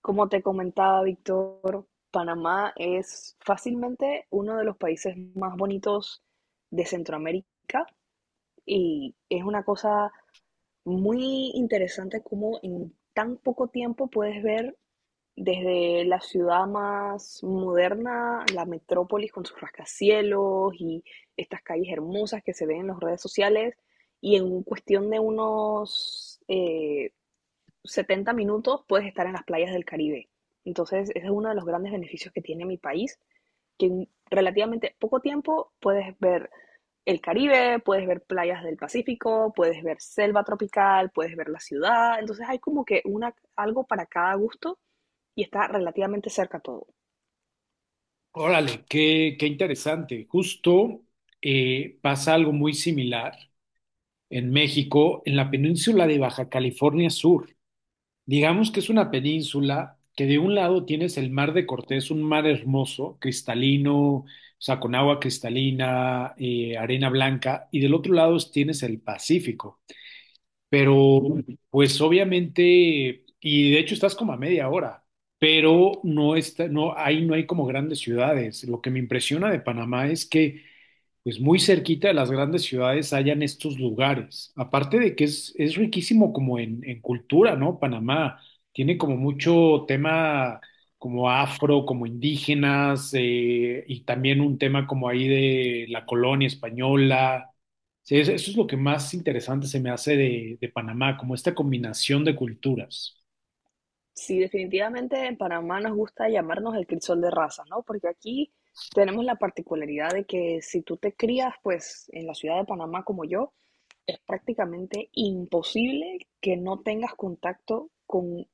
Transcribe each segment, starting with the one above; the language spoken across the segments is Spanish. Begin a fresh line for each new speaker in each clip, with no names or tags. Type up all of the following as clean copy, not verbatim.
Como te comentaba, Víctor, Panamá es fácilmente uno de los países más bonitos de Centroamérica y es una cosa muy interesante cómo en tan poco tiempo puedes ver desde la ciudad más moderna, la metrópolis con sus rascacielos y estas calles hermosas que se ven en las redes sociales, y en cuestión de unos 70 minutos puedes estar en las playas del Caribe. Entonces, ese es uno de los grandes beneficios que tiene mi país, que en relativamente poco tiempo puedes ver el Caribe, puedes ver playas del Pacífico, puedes ver selva tropical, puedes ver la ciudad. Entonces, hay como que algo para cada gusto y está relativamente cerca todo.
Órale, qué, qué interesante. Justo pasa algo muy similar en México, en la península de Baja California Sur. Digamos que es una península que de un lado tienes el Mar de Cortés, un mar hermoso, cristalino, o sea, con agua cristalina, arena blanca, y del otro lado tienes el Pacífico. Pero, pues obviamente, y de hecho estás como a media hora, pero no está, no, ahí no hay como grandes ciudades. Lo que me impresiona de Panamá es que pues muy cerquita de las grandes ciudades hayan estos lugares. Aparte de que es riquísimo como en cultura, ¿no? Panamá tiene como mucho tema como afro, como indígenas, y también un tema como ahí de la colonia española. Sí, eso es lo que más interesante se me hace de Panamá, como esta combinación de culturas.
Sí, definitivamente en Panamá nos gusta llamarnos el crisol de razas, ¿no? Porque aquí tenemos la particularidad de que si tú te crías, pues, en la ciudad de Panamá como yo, es prácticamente imposible que no tengas contacto con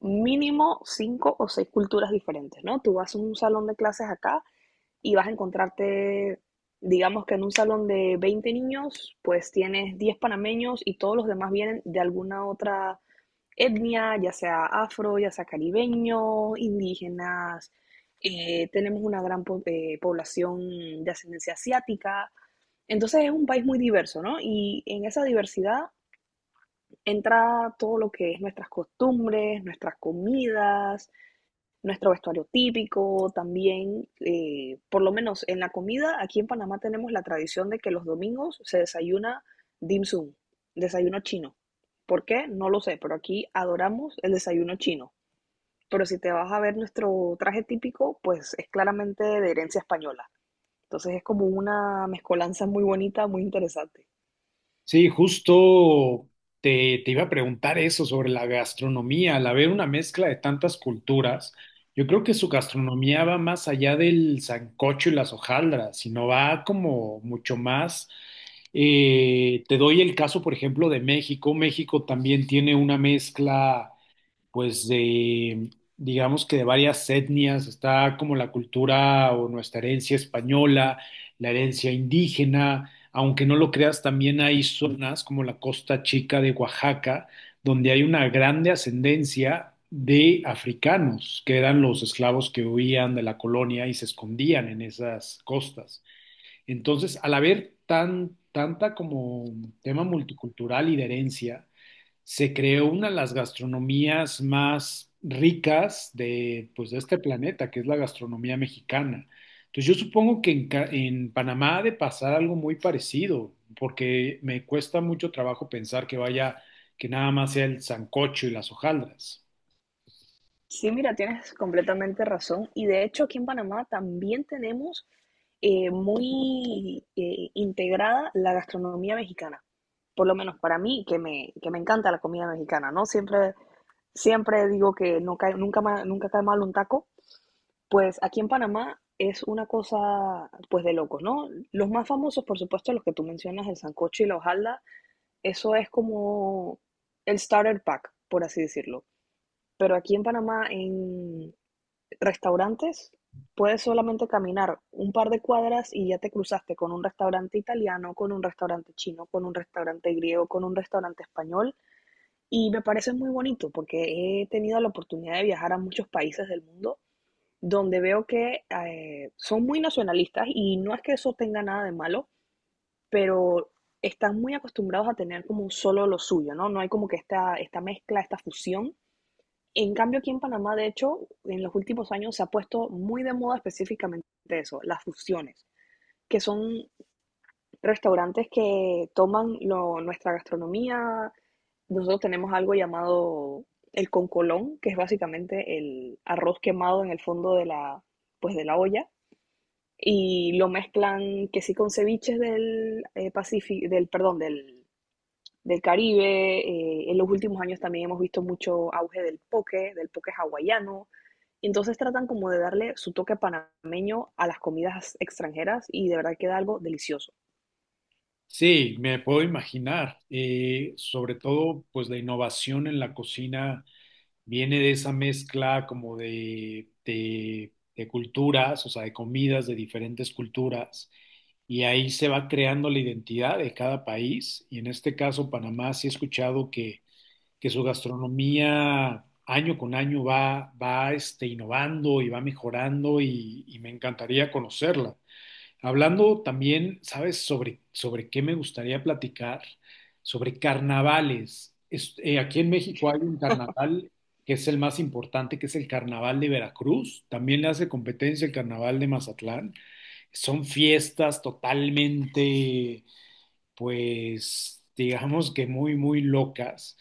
mínimo cinco o seis culturas diferentes, ¿no? Tú vas a un salón de clases acá y vas a encontrarte, digamos que en un salón de 20 niños, pues tienes 10 panameños y todos los demás vienen de alguna otra etnia, ya sea afro, ya sea caribeño, indígenas. Tenemos una gran población de ascendencia asiática. Entonces es un país muy diverso, ¿no? Y en esa diversidad entra todo lo que es nuestras costumbres, nuestras comidas, nuestro vestuario típico, también, por lo menos en la comida, aquí en Panamá tenemos la tradición de que los domingos se desayuna dim sum, desayuno chino. ¿Por qué? No lo sé, pero aquí adoramos el desayuno chino. Pero si te vas a ver nuestro traje típico, pues es claramente de herencia española. Entonces es como una mezcolanza muy bonita, muy interesante.
Sí, justo te, te iba a preguntar eso sobre la gastronomía, al haber una mezcla de tantas culturas, yo creo que su gastronomía va más allá del sancocho y las hojaldras, sino va como mucho más. Te doy el caso, por ejemplo, de México. México también tiene una mezcla pues de, digamos que de varias etnias, está como la cultura o nuestra herencia española, la herencia indígena, aunque no lo creas, también hay zonas como la Costa Chica de Oaxaca, donde hay una grande ascendencia de africanos, que eran los esclavos que huían de la colonia y se escondían en esas costas. Entonces, al haber tan, tanta como tema multicultural y de herencia, se creó una de las gastronomías más ricas de, pues, de este planeta, que es la gastronomía mexicana. Entonces yo supongo que en, en Panamá ha de pasar algo muy parecido, porque me cuesta mucho trabajo pensar que vaya, que nada más sea el sancocho y las hojaldras.
Sí, mira, tienes completamente razón. Y de hecho aquí en Panamá también tenemos muy integrada la gastronomía mexicana. Por lo menos para mí, que me encanta la comida mexicana, ¿no? Siempre, siempre digo que no cae, nunca, nunca cae mal un taco. Pues aquí en Panamá es una cosa, pues de locos, ¿no? Los más famosos, por supuesto, los que tú mencionas, el sancocho y la hojalda, eso es como el starter pack, por así decirlo. Pero aquí en Panamá, restaurantes, puedes solamente caminar un par de cuadras y ya te cruzaste con un restaurante italiano, con un restaurante chino, con un restaurante griego, con un restaurante español. Y me parece muy bonito porque he tenido la oportunidad de viajar a muchos países del mundo donde veo que son muy nacionalistas y no es que eso tenga nada de malo, pero están muy acostumbrados a tener como un solo lo suyo, ¿no? No hay como que esta mezcla, esta fusión. En cambio, aquí en Panamá, de hecho, en los últimos años se ha puesto muy de moda específicamente eso, las fusiones, que son restaurantes que toman nuestra gastronomía. Nosotros tenemos algo llamado el concolón, que es básicamente el arroz quemado en el fondo pues de la olla, y lo mezclan que sí con ceviches del Pacífico, del, perdón, del Caribe. En los últimos años también hemos visto mucho auge del poke hawaiano. Y entonces tratan como de darle su toque panameño a las comidas extranjeras y de verdad queda algo delicioso.
Sí, me puedo imaginar, sobre todo pues la innovación en la cocina viene de esa mezcla como de culturas, o sea, de comidas de diferentes culturas, y ahí se va creando la identidad de cada país, y en este caso Panamá sí he escuchado que su gastronomía año con año va, va este, innovando y va mejorando y me encantaría conocerla. Hablando también, ¿sabes? Sobre, sobre qué me gustaría platicar, sobre carnavales. Aquí en México hay un carnaval que es el más importante, que es el Carnaval de Veracruz. También le hace competencia el Carnaval de Mazatlán. Son fiestas totalmente pues digamos que muy, muy locas.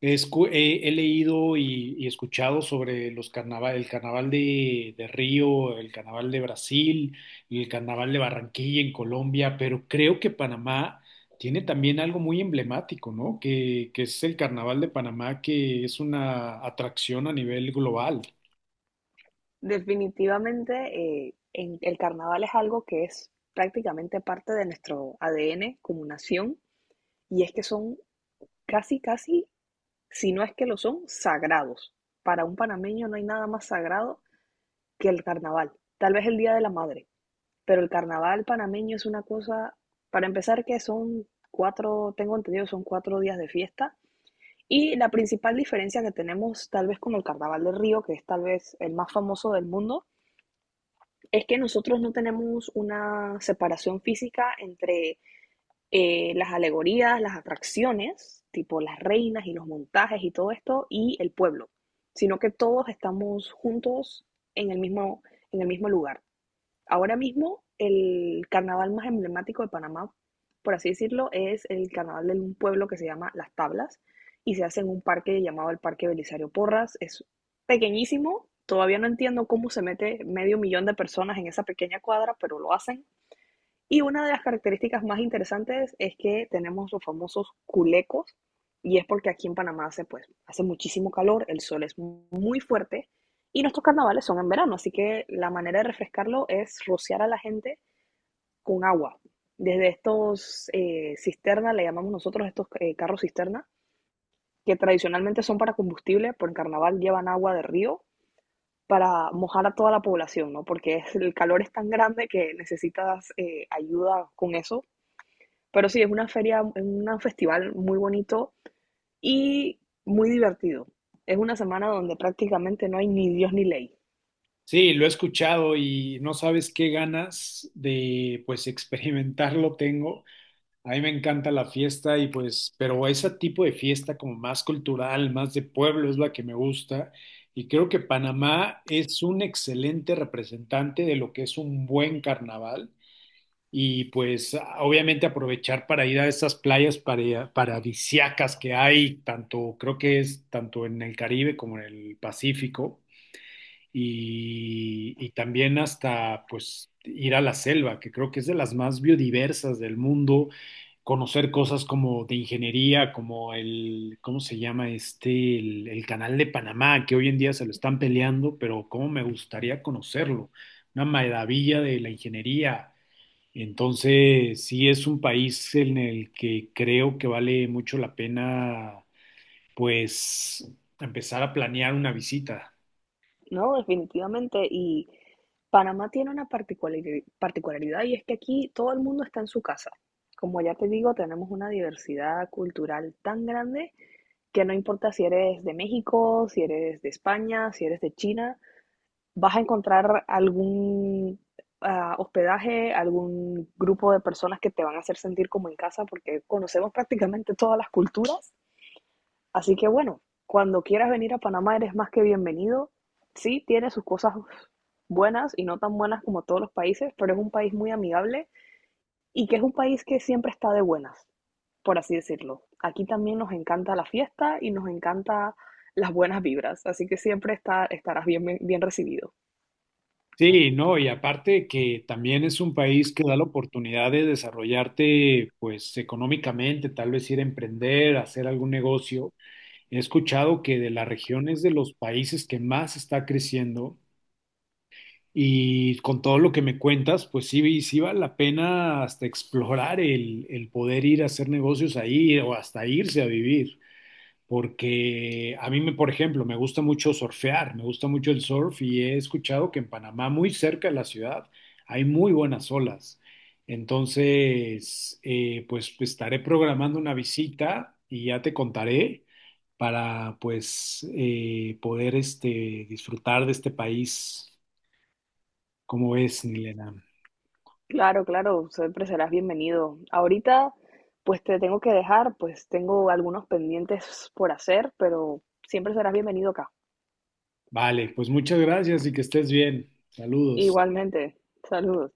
He, he leído y escuchado sobre los el carnaval de Río, el carnaval de Brasil, el carnaval de Barranquilla en Colombia, pero creo que Panamá tiene también algo muy emblemático, ¿no? Que es el carnaval de Panamá, que es una atracción a nivel global.
Definitivamente, el carnaval es algo que es prácticamente parte de nuestro ADN como nación y es que son casi, casi, si no es que lo son, sagrados. Para un panameño no hay nada más sagrado que el carnaval. Tal vez el Día de la Madre. Pero el carnaval panameño es una cosa, para empezar, que son cuatro, tengo entendido, son 4 días de fiesta. Y la principal diferencia que tenemos tal vez con el Carnaval de Río, que es tal vez el más famoso del mundo, es que nosotros no tenemos una separación física entre las alegorías, las atracciones, tipo las reinas y los montajes y todo esto, y el pueblo, sino que todos estamos juntos en el mismo, en el mismo lugar. Ahora mismo el carnaval más emblemático de Panamá, por así decirlo, es el carnaval de un pueblo que se llama Las Tablas y se hace en un parque llamado el Parque Belisario Porras. Es pequeñísimo, todavía no entiendo cómo se mete medio millón de personas en esa pequeña cuadra, pero lo hacen. Y una de las características más interesantes es que tenemos los famosos culecos, y es porque aquí en Panamá hace, pues, hace muchísimo calor, el sol es muy fuerte, y nuestros carnavales son en verano, así que la manera de refrescarlo es rociar a la gente con agua. Desde estos cisternas, le llamamos nosotros estos carros cisterna, que tradicionalmente son para combustible, por el carnaval llevan agua de río para mojar a toda la población, ¿no? Porque es, el calor es tan grande que necesitas ayuda con eso. Pero sí, es una feria, es un festival muy bonito y muy divertido. Es una semana donde prácticamente no hay ni Dios ni ley,
Sí, lo he escuchado y no sabes qué ganas de pues experimentarlo tengo. A mí me encanta la fiesta y pues, pero ese tipo de fiesta como más cultural, más de pueblo es la que me gusta y creo que Panamá es un excelente representante de lo que es un buen carnaval y pues obviamente aprovechar para ir a esas playas paradisíacas que hay, tanto creo que es tanto en el Caribe como en el Pacífico y también hasta pues ir a la selva, que creo que es de las más biodiversas del mundo, conocer cosas como de ingeniería, como el, ¿cómo se llama este? El canal de Panamá, que hoy en día se lo están peleando, pero cómo me gustaría conocerlo, una maravilla de la ingeniería. Entonces, sí es un país en el que creo que vale mucho la pena, pues, empezar a planear una visita.
¿no? Definitivamente. Y Panamá tiene una particularidad y es que aquí todo el mundo está en su casa. Como ya te digo, tenemos una diversidad cultural tan grande que no importa si eres de México, si eres de España, si eres de China, vas a encontrar algún hospedaje, algún grupo de personas que te van a hacer sentir como en casa porque conocemos prácticamente todas las culturas. Así que bueno, cuando quieras venir a Panamá eres más que bienvenido. Sí, tiene sus cosas buenas y no tan buenas como todos los países, pero es un país muy amigable y que es un país que siempre está de buenas, por así decirlo. Aquí también nos encanta la fiesta y nos encanta las buenas vibras, así que siempre estarás bien, bien recibido.
Sí, no, y aparte que también es un país que da la oportunidad de desarrollarte, pues económicamente, tal vez ir a emprender, hacer algún negocio. He escuchado que de la región es de los países que más está creciendo y con todo lo que me cuentas, pues sí, sí vale la pena hasta explorar el poder ir a hacer negocios ahí o hasta irse a vivir porque a mí, me, por ejemplo, me gusta mucho surfear, me gusta mucho el surf y he escuchado que en Panamá, muy cerca de la ciudad, hay muy buenas olas. Entonces, pues pues, estaré programando una visita y ya te contaré para pues poder este, disfrutar de este país. ¿Cómo es, Nilena?
Claro, claro, siempre serás bienvenido. Ahorita, pues te tengo que dejar, pues tengo algunos pendientes por hacer, pero siempre serás bienvenido acá.
Vale, pues muchas gracias y que estés bien. Saludos.
Igualmente, saludos.